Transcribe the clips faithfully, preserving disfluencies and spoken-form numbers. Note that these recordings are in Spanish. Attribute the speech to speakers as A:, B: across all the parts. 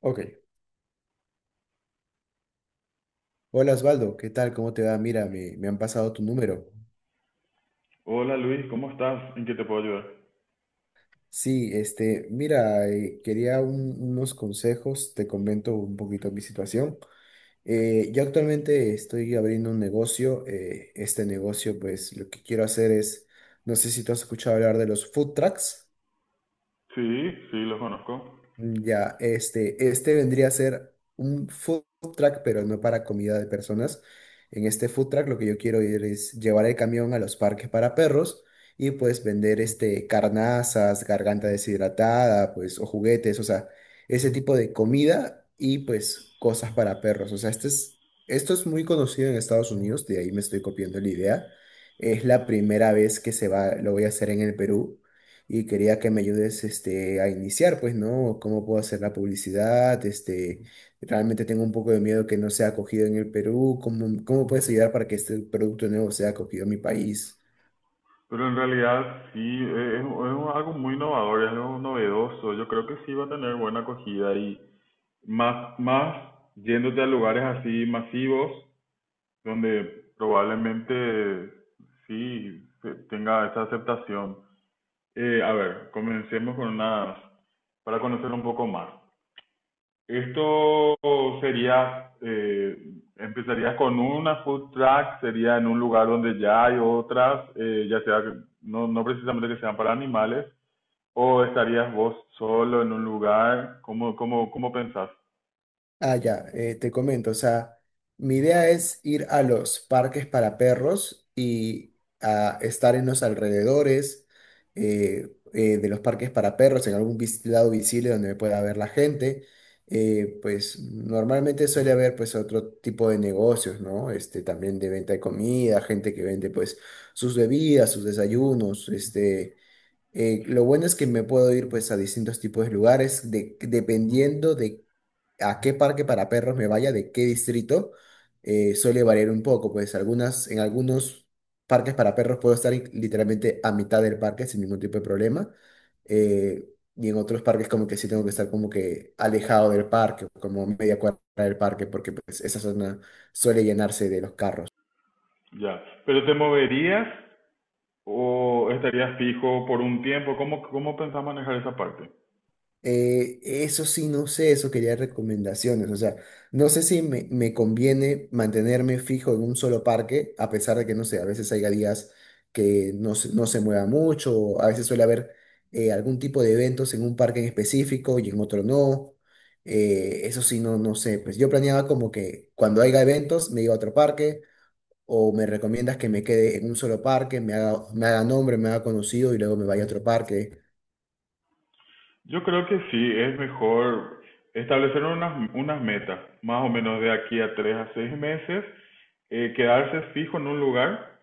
A: Ok. Hola Osvaldo, ¿qué tal? ¿Cómo te va? Mira, me, me han pasado tu número.
B: Hola Luis, ¿cómo estás? ¿En qué te puedo ayudar?
A: Sí, este, mira, eh, quería un- unos consejos, te comento un poquito mi situación. Eh, yo actualmente estoy abriendo un negocio, eh, este negocio pues lo que quiero hacer es, no sé si tú has escuchado hablar de los food trucks.
B: Sí, sí, los conozco.
A: Ya, este, este vendría a ser un food truck, pero no para comida de personas. En este food truck lo que yo quiero ir es llevar el camión a los parques para perros y pues vender este carnazas, garganta deshidratada, pues o juguetes, o sea, ese tipo de comida y pues cosas para perros. O sea, este es, esto es muy conocido en Estados Unidos, de ahí me estoy copiando la idea. Es la primera vez que se va, lo voy a hacer en el Perú y quería que me ayudes este, a iniciar, pues, ¿no? ¿Cómo puedo hacer la publicidad? Este, realmente tengo un poco de miedo que no sea acogido en el Perú. ¿Cómo, cómo puedes ayudar para que este producto nuevo sea acogido en mi país?
B: Pero en realidad sí, eh, es, es un- algo muy innovador, es algo novedoso. Yo creo que sí va a tener buena acogida y más, más yéndote a lugares así masivos, donde probablemente sí se- tenga esa aceptación. Eh, a ver, comencemos con unas, para conocer un poco más. Esto sería, eh, empezaría con una food truck, sería en un lugar donde ya hay otras, eh, ya sea, que- no, no precisamente que sean para animales, o estarías vos solo en un lugar, ¿cómo, cómo, cómo pensás?
A: Ah, ya, eh, te comento, o sea, mi idea es ir a los parques para perros y a estar en los alrededores eh, eh, de los parques para perros, en algún vis- lado visible donde me pueda ver la gente. Eh, pues normalmente suele haber pues otro tipo de negocios, ¿no? Este, también de venta de comida, gente que vende pues sus bebidas, sus desayunos, este eh, lo bueno es que me puedo ir pues a distintos tipos de lugares, de- dependiendo de a qué parque para perros me vaya, de qué distrito, eh, suele variar un poco, pues algunas, en algunos parques para perros puedo estar in- literalmente a mitad del parque sin ningún tipo de problema, eh, y en otros parques como que sí tengo que estar como que alejado del parque, como media cuadra del parque, porque pues esa zona suele llenarse de los carros.
B: Ya, pero ¿te moverías o estarías fijo por un tiempo? ¿Cómo, cómo pensás manejar esa parte?
A: Eh, eso sí, no sé, eso quería recomendaciones. O sea, no sé si me, me conviene mantenerme fijo en un solo parque, a pesar de que, no sé, a veces haya días que no se, no se mueva mucho, o a veces suele haber eh, algún tipo de eventos en un parque en específico y en otro no. Eh, eso sí, no, no sé. Pues yo planeaba como que cuando haya eventos me iba a otro parque, o me recomiendas que me quede en un solo parque, me haga, me haga nombre, me haga conocido y luego me vaya a otro parque.
B: Yo creo que sí, es mejor establecer unas, unas metas, más o menos de aquí a tres a seis meses, eh, quedarse fijo en un lugar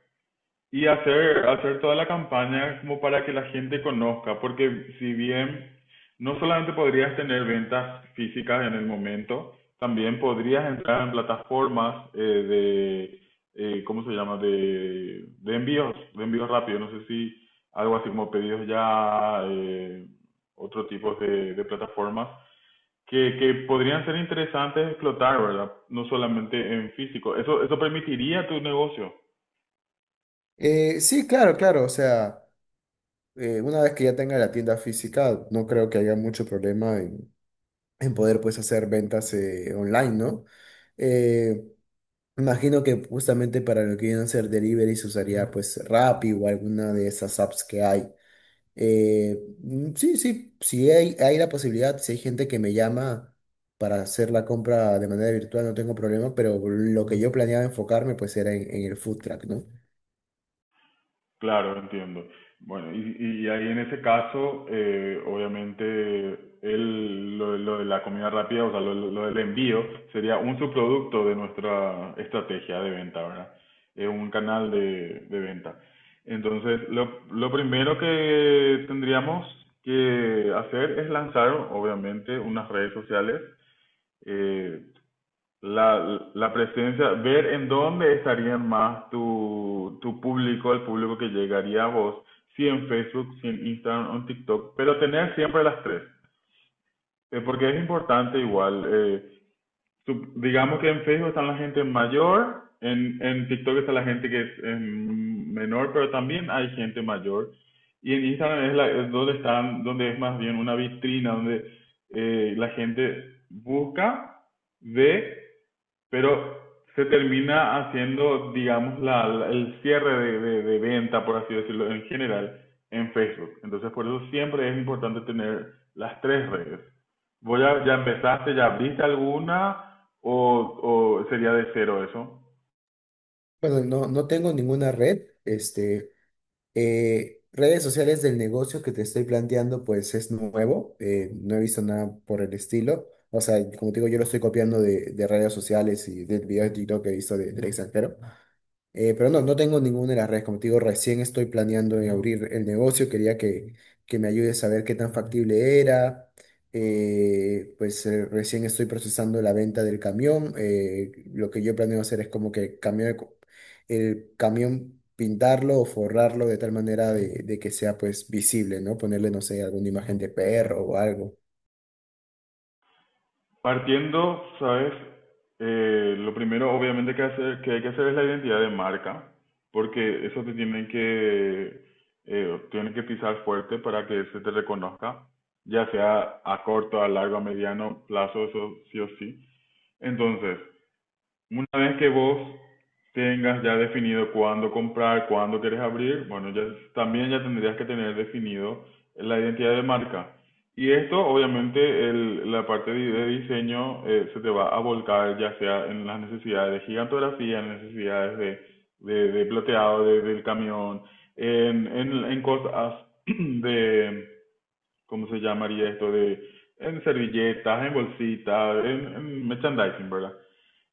B: y hacer, hacer toda la campaña como para que la gente conozca, porque si bien no solamente podrías tener ventas físicas en el momento, también podrías entrar en plataformas eh, de, eh, ¿cómo se llama? De, de envíos, de envíos rápidos, no sé si algo así como pedidos ya, eh, otro tipo de, de plataformas que, que podrían ser interesantes explotar, ¿verdad? No solamente en físico. Eso, eso permitiría tu negocio.
A: Eh, sí, claro, claro, o sea. Eh, una vez que ya tenga la tienda física, no creo que haya mucho problema en, en poder pues hacer ventas eh, online, ¿no? Eh, imagino que justamente para lo que vienen a ser deliveries usaría pues Rappi o alguna de esas apps que hay. Eh, mm, sí, sí, si hay, hay la posibilidad, si hay gente que me llama para hacer la compra de manera virtual, no tengo problema, pero lo que yo planeaba enfocarme pues era en, en el food truck, ¿no?
B: Claro, entiendo. Bueno, y, y ahí en ese caso, eh, obviamente, el, lo, lo de la comida rápida, o sea, lo, lo del envío, sería un subproducto de nuestra estrategia de venta, ¿verdad? Es un canal de, de venta. Entonces, lo, lo primero que tendríamos que hacer es lanzar, obviamente, unas redes sociales eh, la, la presencia, ver en dónde estarían más tu, tu público, el público que llegaría a vos, si en Facebook, si en Instagram o en TikTok, pero tener siempre las tres, eh, porque es importante igual. Eh, sup- digamos que en Facebook están la gente mayor, en, en TikTok está la gente que es em, menor, pero también hay gente mayor. Y en Instagram es, la, es donde están, donde es más bien una vitrina, donde eh, la gente busca, ve, pero se termina haciendo, digamos, la, la- el cierre de, de- de venta, por así decirlo, en general, en Facebook. Entonces, por eso siempre es importante tener las tres redes. ¿Vos ya, ya empezaste, ya abriste alguna o, o sería de cero eso?
A: Bueno, no, no tengo ninguna red, este... Eh, redes sociales del negocio que te estoy planteando, pues es nuevo, eh, no he visto nada por el estilo. O sea, como te digo, yo lo estoy copiando de, de redes sociales y de videos de TikTok que he visto de- del extranjero. Eh, pero no, no tengo ninguna de las redes. Como te digo, recién estoy planeando en abrir el negocio. Quería que, que me ayudes a ver qué tan factible era. Eh, pues eh, recién estoy procesando la venta del camión. Eh, lo que yo planeo hacer es como que cambiar el, co- el camión, pintarlo o forrarlo de tal manera de, de que sea pues visible, ¿no? Ponerle, no sé, alguna imagen de perro o algo.
B: Partiendo, sabes, Eh, lo primero obviamente que, hacer- que hay que hacer es la identidad de marca, porque eso te tienen que, eh, tienen que pisar fuerte para que se te reconozca, ya sea a corto, a largo, a mediano plazo, eso sí o sí. Entonces, una vez que vos tengas ya definido cuándo comprar, cuándo quieres abrir, bueno, ya también ya tendrías que tener definido la identidad de marca. Y esto, obviamente, el- la parte de, de diseño eh, se te va a volcar ya sea en las necesidades de gigantografía, en necesidades de, de, de plateado de- del camión, en, en, en cosas de, ¿cómo se llamaría esto? De, en servilletas, en bolsitas, en, en merchandising, ¿verdad?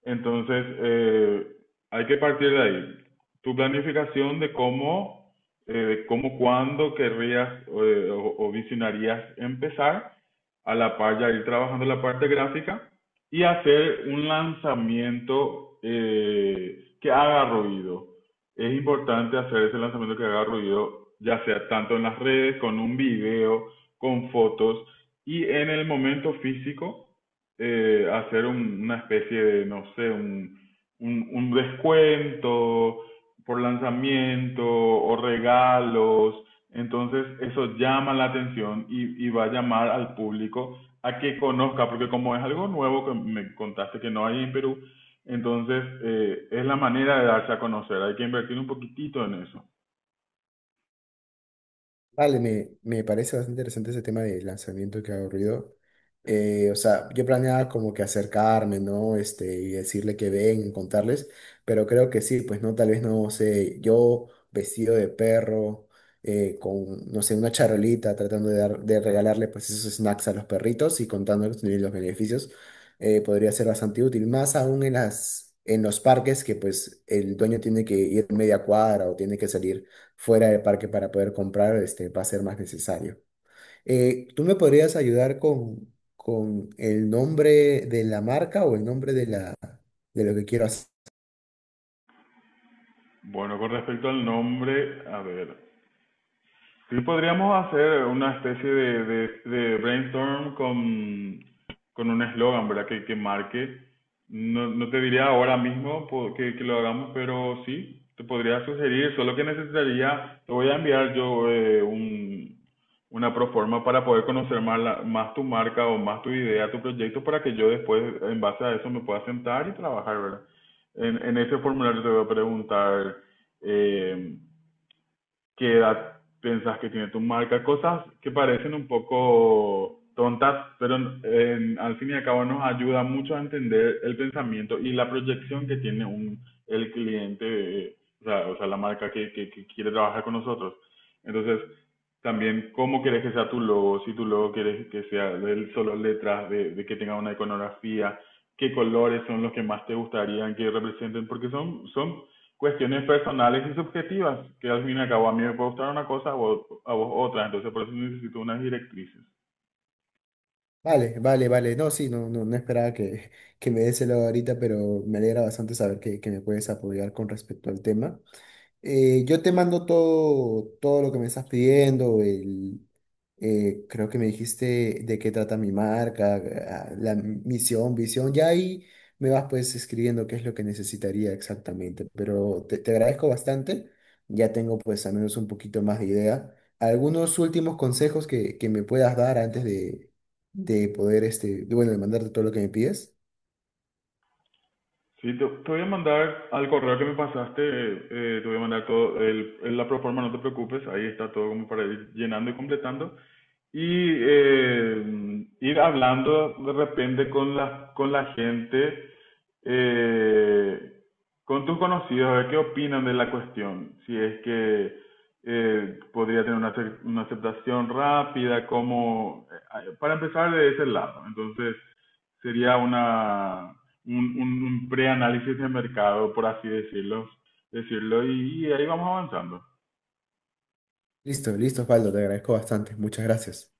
B: Entonces, eh, hay que partir de ahí. Tu planificación de cómo, eh, de cómo, cuándo querrías eh, o, o visionarías empezar a la par ya ir trabajando la parte gráfica y hacer un lanzamiento eh, que haga ruido. Es importante hacer ese lanzamiento que haga ruido, ya sea tanto en las redes, con un video, con fotos y en el momento físico, eh, hacer un- una especie de, no sé, un, un, un descuento por lanzamiento o regalos. Entonces eso llama la atención y, y va a llamar al público a que conozca, porque como es algo nuevo que me contaste que no hay en Perú, entonces eh, es la manera de darse a conocer, hay que invertir un poquitito en eso.
A: Vale, me, me parece bastante interesante ese tema de lanzamiento que ha ocurrido. Eh, o sea, yo planeaba como que acercarme, ¿no? Este, y decirle que ven, contarles, pero creo que sí, pues no, tal vez no sé, yo vestido de perro, eh, con, no sé, una charolita, tratando de dar, de regalarle pues esos snacks a los perritos y contándoles también los beneficios, eh, podría ser bastante útil, más aún en las, en los parques que pues el dueño tiene que ir media cuadra o tiene que salir fuera del parque para poder comprar, este, va a ser más necesario. Eh, ¿tú me podrías ayudar con, con el nombre de la marca o el nombre de la, de lo que quiero hacer?
B: Bueno, con respecto al nombre, a ver, sí, podríamos hacer una especie de, de- de brainstorm con, con un eslogan, ¿verdad? Que, que marque. No, no te diría ahora mismo po- que, que lo hagamos, pero sí, te podría sugerir, solo que necesitaría, te voy a enviar yo eh, un, una proforma para poder conocer más, la- más tu marca o más tu idea, tu proyecto, para que yo después, en base a eso, me pueda sentar y trabajar, ¿verdad? En, en ese formulario te voy a preguntar... eh, qué edad pensás que tiene tu marca, cosas que parecen un poco tontas, pero eh, al fin y al cabo nos ayuda mucho a entender el pensamiento y la proyección que tiene un, el cliente, eh, o, sea, o sea, la marca que, que, que quiere trabajar con nosotros. Entonces, también cómo querés que sea tu logo, si tu logo querés que sea de solo letras, de, de, que tenga una iconografía, qué colores son los que más te gustarían que representen, porque son, son cuestiones personales y subjetivas, que al fin y al cabo a mí me puede gustar una cosa, a vos, a vos otra, entonces por eso necesito unas directrices.
A: Vale, vale, vale. No, sí, no, no, no esperaba que, que me des el lado ahorita, pero me alegra bastante saber que, que me puedes apoyar con respecto al tema. Eh, yo te mando todo, todo lo que me estás pidiendo, el, eh, creo que me dijiste de qué trata mi marca, ah, la misión, visión, ya ahí me vas pues escribiendo qué es lo que necesitaría exactamente, pero te, te agradezco bastante, ya tengo pues al menos un poquito más de idea. Algunos últimos consejos que, que me puedas dar antes de, de poder, este, bueno, de mandarte todo lo que me pides.
B: Sí, te, te voy a mandar al correo que me pasaste, eh, te voy a mandar todo, el, el- la proforma, no te preocupes, ahí está todo como para ir llenando y completando. Y eh, ir hablando de repente con la, con la gente, eh, con tus conocidos, a ver qué opinan de la cuestión. Si es que eh, podría tener una, ace- una aceptación rápida, como, eh, para empezar de ese lado. Entonces, sería una, un, un, un preanálisis de mercado, por así decirlo, decirlo y, y ahí vamos avanzando.
A: Listo, listo, Osvaldo, te agradezco bastante, muchas gracias.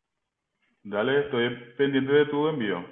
B: Dale, estoy pendiente de tu envío.